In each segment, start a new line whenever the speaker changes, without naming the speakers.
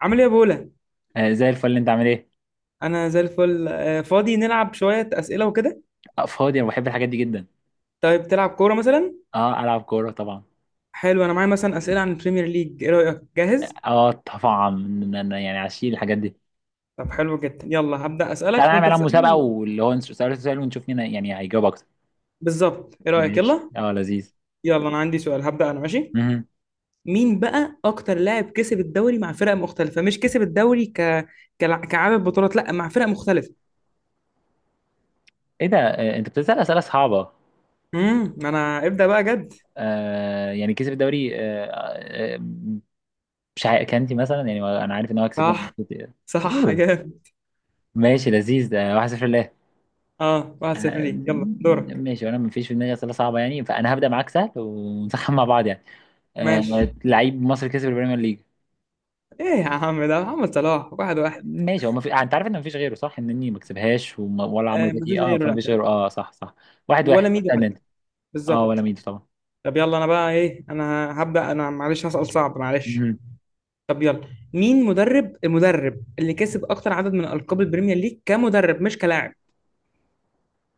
عامل ايه يا بولا؟
آه، زي الفل انت عامل ايه.
انا زي الفل. فاضي، نلعب شويه اسئله وكده.
آه، فاضي انا بحب الحاجات دي جدا.
طيب تلعب كوره مثلا؟
اه العب كوره طبعا.
حلو، انا معايا مثلا اسئله عن البريمير ليج. ايه رايك؟ جاهز؟
اه طبعا انا يعني عشيل الحاجات دي.
طب حلو جدا، يلا هبدا
تعالى
اسالك
نعمل
وانت
عليها مسابقه
تسالني.
واللي هو سؤال سؤال ونشوف مين يعني هيجاوب اكتر.
بالظبط، ايه رايك؟
ماشي،
يلا.
اه لذيذ.
يلا انا عندي سؤال، هبدا انا ماشي.
مهم.
مين بقى اكتر لاعب كسب الدوري مع فرق مختلفه؟ مش كسب الدوري كعدد بطولات، لا، مع فرق مختلفه.
ايه ده، انت بتسال اسئله صعبه.
انا ابدا بقى جد.
آه، يعني كسب الدوري، آه. آه، مش عارف كانتي مثلا، يعني انا عارف ان هو كسبه مع
صح،
السيتي.
صح،
مم.
جامد.
ماشي لذيذ، ده 1-0 لله.
اه، 1-0
آه،
ليك، يلا دورك.
ماشي، وانا مفيش في دماغي اسئله صعبه يعني، فانا هبدا معاك سهل ونسخن مع بعض يعني.
ماشي.
آه، لعيب مصري كسب البريمير ليج.
ايه يا عم ده محمد صلاح، 1-1.
ماشي، هو ما في، انت عارف ان مفيش غيره صح؟ انني ما كسبهاش ولا عمرو
آه، مفيش
زكي، اه،
غيره، لا
فمفيش
فعلا.
غيره، اه صح صح. واحد
ولا
واحد،
ميدو
استنى انت.
حتى.
اه ولا
بالظبط.
ميدو طبعا.
طب يلا، انا بقى ايه، انا هبدأ، انا معلش هسأل صعب معلش.
مهم.
طب يلا. مين المدرب اللي كسب اكتر عدد من القاب البريمير ليج كمدرب مش كلاعب؟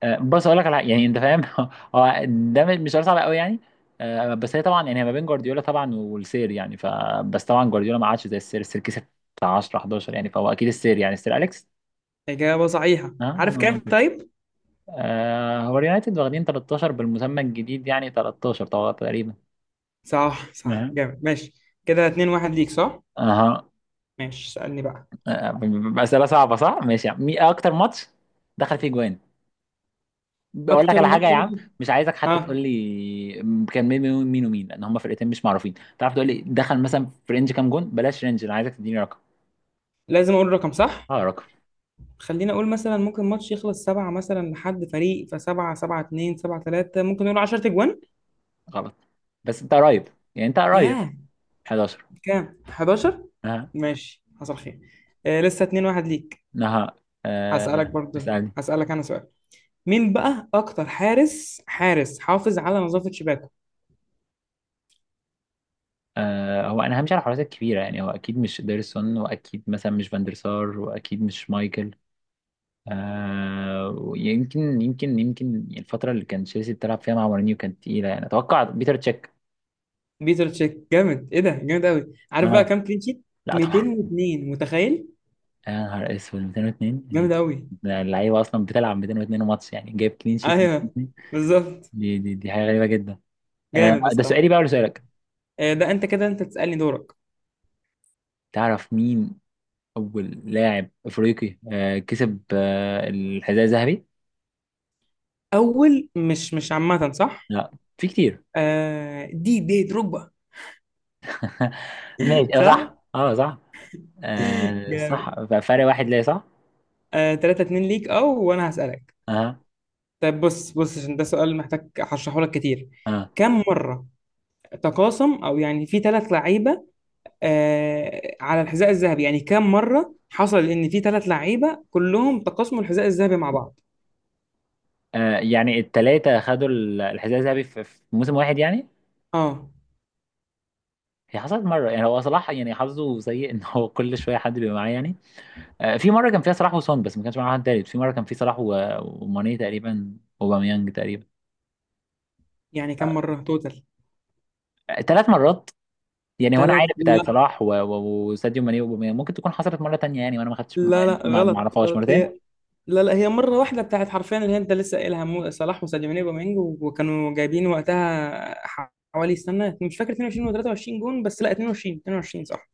آه بص، اقول لك على يعني انت فاهم هو ده مش سؤال صعب قوي يعني. آه، بس هي طبعا يعني، هي ما بين جوارديولا طبعا والسير يعني، ف. بس طبعا جوارديولا ما عادش زي السير كسب بتاع 10 11 يعني، فهو اكيد السير يعني السير اليكس.
إجابة صحيحة.
اه،
عارف
ما
كام؟
منطقي.
طيب.
آه. آه، هو اليونايتد واخدين 13 بالمسمى الجديد يعني، 13 طبعا تقريبا.
صح، صح،
اها.
جامد، ماشي. كده 2 1 ليك، صح؟
اها.
ماشي، سألني بقى.
آه، أسئلة صعبة صح؟ ماشي يا عم، مين أكتر ماتش دخل فيه جوان؟ بقول لك
اكتر
على حاجة
ماتش.
يا عم. مش عايزك حتى تقول
اه،
لي كان مين ومين لأن هما فرقتين مش معروفين. تعرف تقول لي دخل مثلا في رينج كام جون؟ بلاش رينج، أنا عايزك تديني رقم.
لازم اقول رقم، صح.
اه، رقم.
خلينا اقول مثلا ممكن ماتش يخلص سبعة مثلا لحد فريق، فسبعة سبعة، اتنين سبعة تلاتة، ممكن نقول 10 تجوان.
غلط، بس أنت قريب، يعني أنت قريب.
ياه،
11.
كام؟ 11؟
ها.
ماشي، حصل خير. آه لسه 2 1 ليك.
نها.
هسألك
آه.
برضه،
اسألني.
هسألك انا سؤال. مين بقى اكتر حارس حافظ على نظافة شباكه؟
آه، هو أنا همشي على الحراسة الكبيرة يعني، هو أكيد مش ديرسون، وأكيد مثلا مش فاندرسار، وأكيد مش مايكل. آه، ويمكن يمكن يمكن الفترة اللي كان تشيلسي بتلعب فيها مع مورينيو كانت تقيلة يعني، أتوقع بيتر تشيك.
بيتر تشيك، جامد. ايه ده جامد قوي. عارف بقى
آه.
كام كلين شيت؟
لا طبعا.
202، متخيل؟
يا نهار أسود 202
جامد قوي.
يعني. اللعيبة أصلا بتلعب 202 ماتش يعني، جايب كلين شيت
ايوه،
202.
بالظبط.
دي حاجة غريبة جدا. آه،
جامد
ده
بصراحة.
سؤالي بقى ولا سؤالك؟
آه ده انت كده، انت تسألني، دورك.
تعرف مين أول لاعب أفريقي كسب الحذاء الذهبي؟
اول، مش عامة صح؟
لا. في كتير.
آه، دي دروجبا.
ماشي آه،
صح.
صح، اه صح. آه
جامد.
صح، ففرق واحد ليه، صح؟
آه 3 2 ليك، او، وانا هسألك.
اه.
طيب، بص بص، عشان ده سؤال محتاج هشرحه لك كتير.
آه.
كم مرة تقاسم، او يعني، في ثلاث لعيبة آه على الحذاء الذهبي، يعني كم مرة حصل ان في ثلاث لعيبة كلهم تقاسموا الحذاء الذهبي مع بعض؟
آه، يعني التلاتة خدوا الحذاء الذهبي في موسم واحد يعني.
اه
هي حصلت مرة يعني، هو صلاح يعني حظه سيء ان هو كل شوية حد بيبقى معاه يعني. آه، في مرة كان فيها صلاح وسون بس ما كانش معاه حد تالت، في مرة كان فيه صلاح وماني تقريبا وباميانج تقريبا.
يعني كم مرة توتال.
آه، 3 مرات. يعني هو انا
ثلاث،
عارف بتاعت
لا.
صلاح وساديو ماني وباميانج، ممكن تكون حصلت مرة تانية يعني، وانا ما خدتش ما
لا لا،
يعني، ما
غلط
اعرفهاش
غلط، هي،
مرتين.
لا لا، هي مرة واحدة بتاعت، حرفيا اللي هي انت لسه قايلها، صلاح وساديو ماني وبامينج، وكانوا جايبين وقتها حوالي، استنى مش فاكر، 22 و 23 جون، بس لا، 22، 22، صح.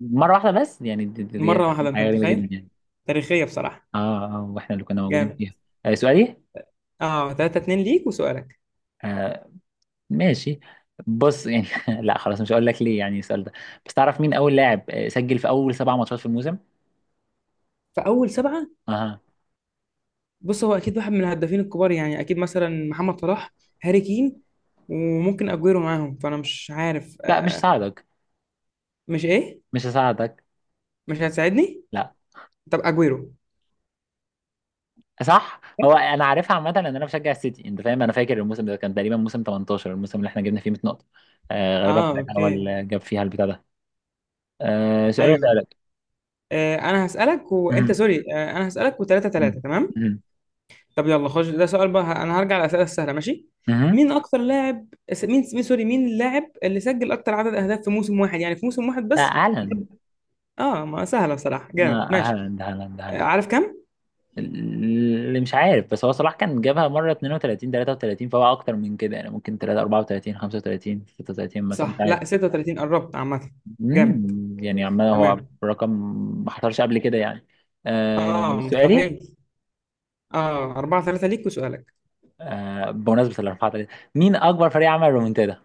مرة واحدة بس يعني، دي دي-
مرة
دي
واحدة، انت
حاجة غريبة جدا
متخيل؟
يعني.
تاريخية بصراحة.
اه اه، واحنا اللي كنا موجودين
جامد.
فيها. آه سؤالي.
اه 3 2 ليك وسؤالك.
آه، ماشي. بص يعني. لا خلاص، مش هقول لك ليه يعني السؤال ده. بس تعرف مين اول لاعب سجل في اول 7 ماتشات في الموسم؟
فأول سبعة.
اها.
بص هو أكيد واحد من الهدافين الكبار، يعني أكيد مثلا محمد صلاح، هاري كين، وممكن أجويرو معاهم. فأنا مش عارف
لا مش
آه.
هساعدك.
مش إيه؟
مش هساعدك.
مش هتساعدني؟
لا.
طب أجويرو.
صح، هو انا عارفها عامه لان انا بشجع السيتي، انت فاهم، انا فاكر الموسم ده كان تقريبا موسم 18، الموسم اللي احنا جبنا فيه 100 نقطه. آه غالبا
اه،
ده كان
اوكي.
اول جاب فيها البتاع ده. آه سؤال
ايوه.
اسالك.
آه انا هسألك، وانت،
مهم.
سوري، انا هسألك، وتلاتة تلاتة
مهم.
تمام.
مهم.
طب يلا خش، ده سؤال بقى، انا هرجع للأسئلة السهلة، ماشي.
مهم.
مين اكتر لاعب، سوري، مين اللاعب اللي سجل اكتر عدد اهداف في موسم واحد، يعني في موسم واحد بس؟
لا هالاند.
اه، ما سهله بصراحه،
لا.
جامد، ماشي.
هالاند هالاند
آه،
هالاند.
عارف كام؟
اللي مش عارف، بس هو صلاح كان جابها مرة 32 33، فهو أكتر من كده يعني، ممكن 3 34 35 36 مثلا، مش
صح.
عارف.
لا، 36، قربت عامه. جامد.
مم، يعني عمال هو
تمام.
رقم. ما حصلش قبل كده يعني. آه
اه،
سؤالي.
مستحيل. اه 4 3 ليك وسؤالك.
آه، بمناسبة الأربعة تلاتة، مين أكبر فريق عمل رومنتادا؟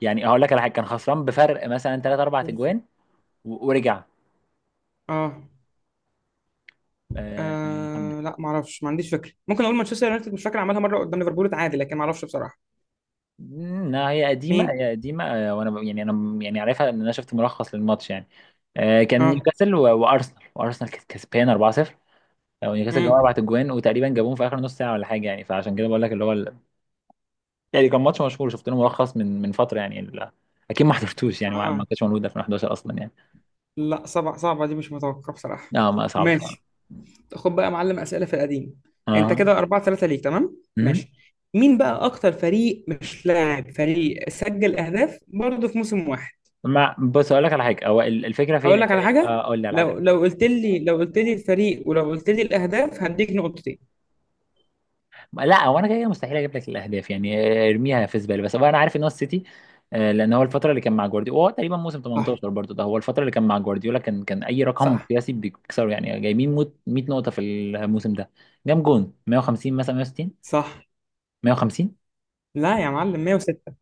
يعني هقول لك على حاجة، كان خسران بفرق مثلا 3 4 أجوان ورجع.
اه،
آه.
لا ما اعرفش، ما عنديش فكره، ممكن اقول مانشستر يونايتد، مش فاكر عملها مره قدام ليفربول، اتعادل، لكن ما اعرفش بصراحه.
لا هي قديمة،
مين؟
هي قديمة، وانا يعني انا يعني عارفها ان انا شفت ملخص للماتش يعني. آه، كان
اه.
نيوكاسل وارسنال كانت كسبان 4-0. او نيوكاسل جابوا اربع
امم
اجوان وتقريبا جابوهم في اخر نص ساعة ولا حاجة يعني، فعشان كده بقول لك اللي هو يعني كان ماتش مشهور شفت له ملخص من فترة يعني اكيد ما حضرتوش يعني، ما
اه،
كانش موجود 2011 اصلا يعني.
لا، صعبه صعبه دي، مش متوقع بصراحه.
اه، ما صعب فعلا.
ماشي. خد بقى يا معلم اسئله في القديم. انت
اه.
كده 4 3 ليك، تمام
مهم.
ماشي. مين بقى اكتر فريق، مش لاعب، فريق سجل اهداف برضه في موسم واحد؟
ما بص، اقول لك على حاجة، هو الفكرة فين؟
اقول لك على حاجه،
اقول لك على
لو
حاجة.
لو قلت لي، لو قلت لي الفريق، ولو قلت لي الاهداف، هديك نقطتين.
لا هو انا كده كده مستحيل اجيب لك الاهداف يعني. آه، ارميها في زباله، بس هو انا عارف ان هو السيتي. آه، لان هو الفتره اللي كان مع جوارديولا، هو تقريبا موسم
صح،
18 برضه ده، هو الفتره اللي كان مع جوارديولا، كان اي رقم
صح،
قياسي بيكسره يعني، جايبين 100 نقطه في الموسم ده. جام جون 150 مثلا، 160.
صح.
150.
لا يا معلم، 106.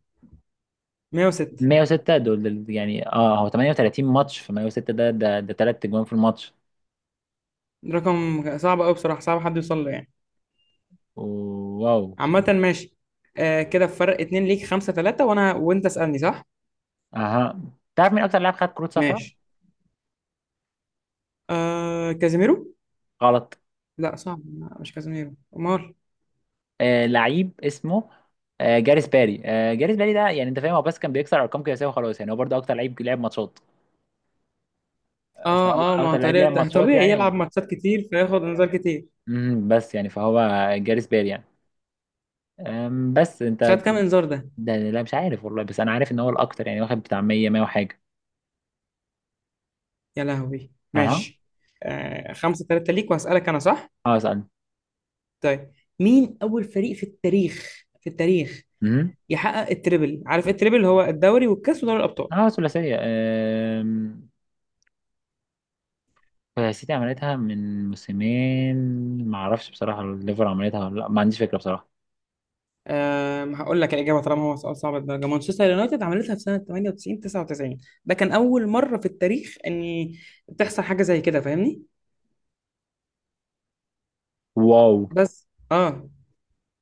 106،
106، دول يعني، اه هو 38 ماتش في 106، ده 3 اجوان في الماتش.
رقم صعب قوي بصراحه، صعب حد يوصل له يعني.
واو.
عامه ماشي. آه كده فرق اتنين ليك، خمسة ثلاثة، وانا، وانت اسألني، صح.
اها. تعرف مين اكتر لاعب خد كروت صفراء؟
ماشي. آه كازيميرو.
غلط.
لا، صعب، لا، مش كازيميرو، امال؟
آه، لعيب اسمه. آه، جاريث باري ده يعني، انت فاهم، هو بس كان بيكسر ارقام قياسيه وخلاص يعني، هو برضه اكتر لعيب لعب ماتشات. فهو
اه اه، ما
اكتر لعيب لعب
طريقة،
ماتشات
طبيعي يلعب
يعني.
ماتشات كتير فياخد انذار كتير.
بس يعني فهو جاريث باري يعني. بس
خد كام انذار ده؟
ده لا، مش عارف والله، بس انا عارف ان هو الاكتر يعني، واخد بتاع 100 100 وحاجه.
يا لهوي،
اها.
ماشي. آه خمسة تلاتة ليك، وهسألك انا، صح؟
اه اسال.
طيب. مين اول فريق في التاريخ، في التاريخ،
امم
يحقق التريبل؟ عارف إيه التريبل؟ هو الدوري والكاس ودوري الابطال.
اه ثلاثيه، السيتي عملتها من موسمين. ما اعرفش بصراحه، الليفر عملتها ولا لا، ما عنديش فكره بصراحه.
آه هقول لك الاجابه طالما هو سؤال صعب الدرجه، مانشستر يونايتد عملتها في سنه 98 99. ده كان اول مره في التاريخ ان تحصل حاجه زي كده، فاهمني؟
واو.
بس اه.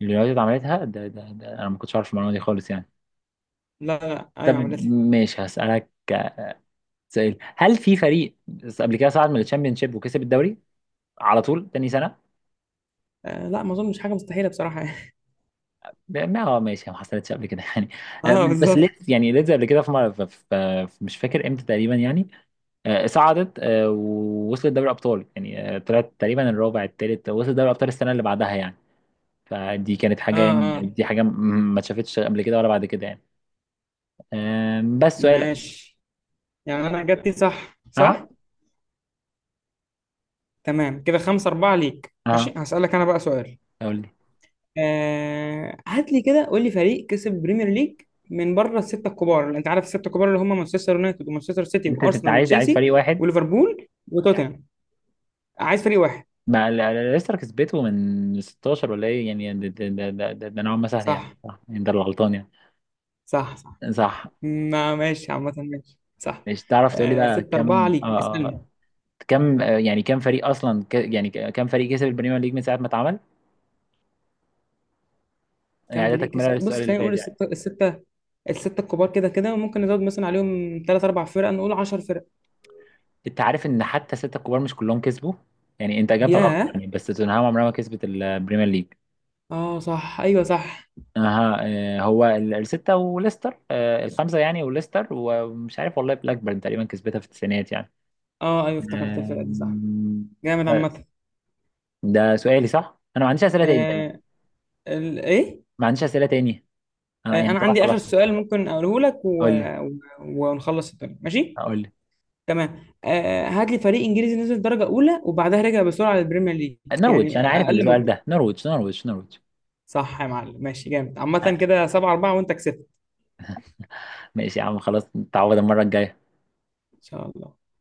اليونايتد عملتها، ده انا ما كنتش عارف المعلومه دي خالص يعني.
لا لا، ايوه
أيوة. طب
عملتها.
ماشي هسألك. سؤال، هل في فريق قبل كده صعد من الشامبيونشيب وكسب الدوري على طول تاني سنه؟
آه لا، ما اظنش، حاجه مستحيله بصراحه يعني.
ما هو ماشي، ما حصلتش قبل كده يعني. آه،
اه،
بس
بالظبط.
ليدز يعني، ليدز قبل كده في مره في مش فاكر امتى تقريبا يعني. صعدت، ووصلت دوري ابطال يعني، طلعت تقريبا الرابع الثالث، وصلت دوري ابطال السنه اللي بعدها يعني. فدي كانت
اه
حاجه يعني،
اه،
دي حاجه ما اتشافتش قبل كده ولا بعد كده يعني. آه، بس سؤالك.
ماشي يعني، انا اجابتي صح،
اه.
صح. تمام كده، خمسة أربعة ليك، ماشي،
اه.
هسألك انا بقى سؤال.
قول.
آه هات لي كده، قول لي فريق كسب البريمير ليج من بره الستة الكبار، اللي انت عارف الستة الكبار، اللي هم مانشستر يونايتد ومانشستر سيتي
انت
وارسنال
عايز
وتشيلسي
فريق واحد.
وليفربول وتوتنهام. عايز فريق واحد.
ما لسه كسبته من 16 ولا ايه يعني؟ ده نوعا ما سهل يعني
صح،
صح يعني، ده اللي غلطان يعني.
صح، صح.
صح.
ما ماشي، عامة، ماشي، صح.
مش تعرف تقول لي
آه
بقى
ستة أربعة
كم
ليك، اسألني.
كم يعني كم فريق اصلا، يعني كم فريق كسب البريمير ليج من ساعه ما اتعمل؟
كام
يعني ده
فريق
تكمله
كسب؟ بص
للسؤال اللي
خلينا
فات
نقول
يعني.
الستة، الستة الكبار كده كده، وممكن نزود مثلا عليهم تلات أربع فرق، نقول عشر فرق.
انت عارف ان حتى سته الكبار مش كلهم كسبوا؟ يعني انت اجابتك غلط
ياه.
يعني، بس توتنهام عمرها ما كسبت البريمير ليج.
اه، صح، أيوه صح.
اها. آه، هو الستة وليستر، الخمسة يعني، وليستر، ومش عارف والله، بلاكبيرن تقريبا كسبتها في التسعينات يعني.
اه أيوه، افتكرت الفرقة دي، صح.
آم،
جامد
بس
عامة.
ده سؤالي صح؟ أنا ما عنديش أسئلة تاني تقريبا.
آه، إيه.
ما عنديش أسئلة تاني. أنا
آه
يعني
أنا
طبعا
عندي
خلاص.
آخر سؤال ممكن أقوله لك،
قول لي.
و... ونخلص الدنيا، ماشي.
قول لي.
تمام، آه هات لي فريق إنجليزي نزل درجة أولى، وبعدها رجع بسرعة للبريمير ليج،
نرويج،
يعني
أنا عارف
أقل
السؤال
مدة.
ده، نرويج نرويج نرويج.
صح يا معلم، ماشي، جامد
آه،
عامة. كده سبعة أربعة وأنت كسبت.
ماشي يا عم، خلاص نتعوض المرة الجاية.
إن شاء الله.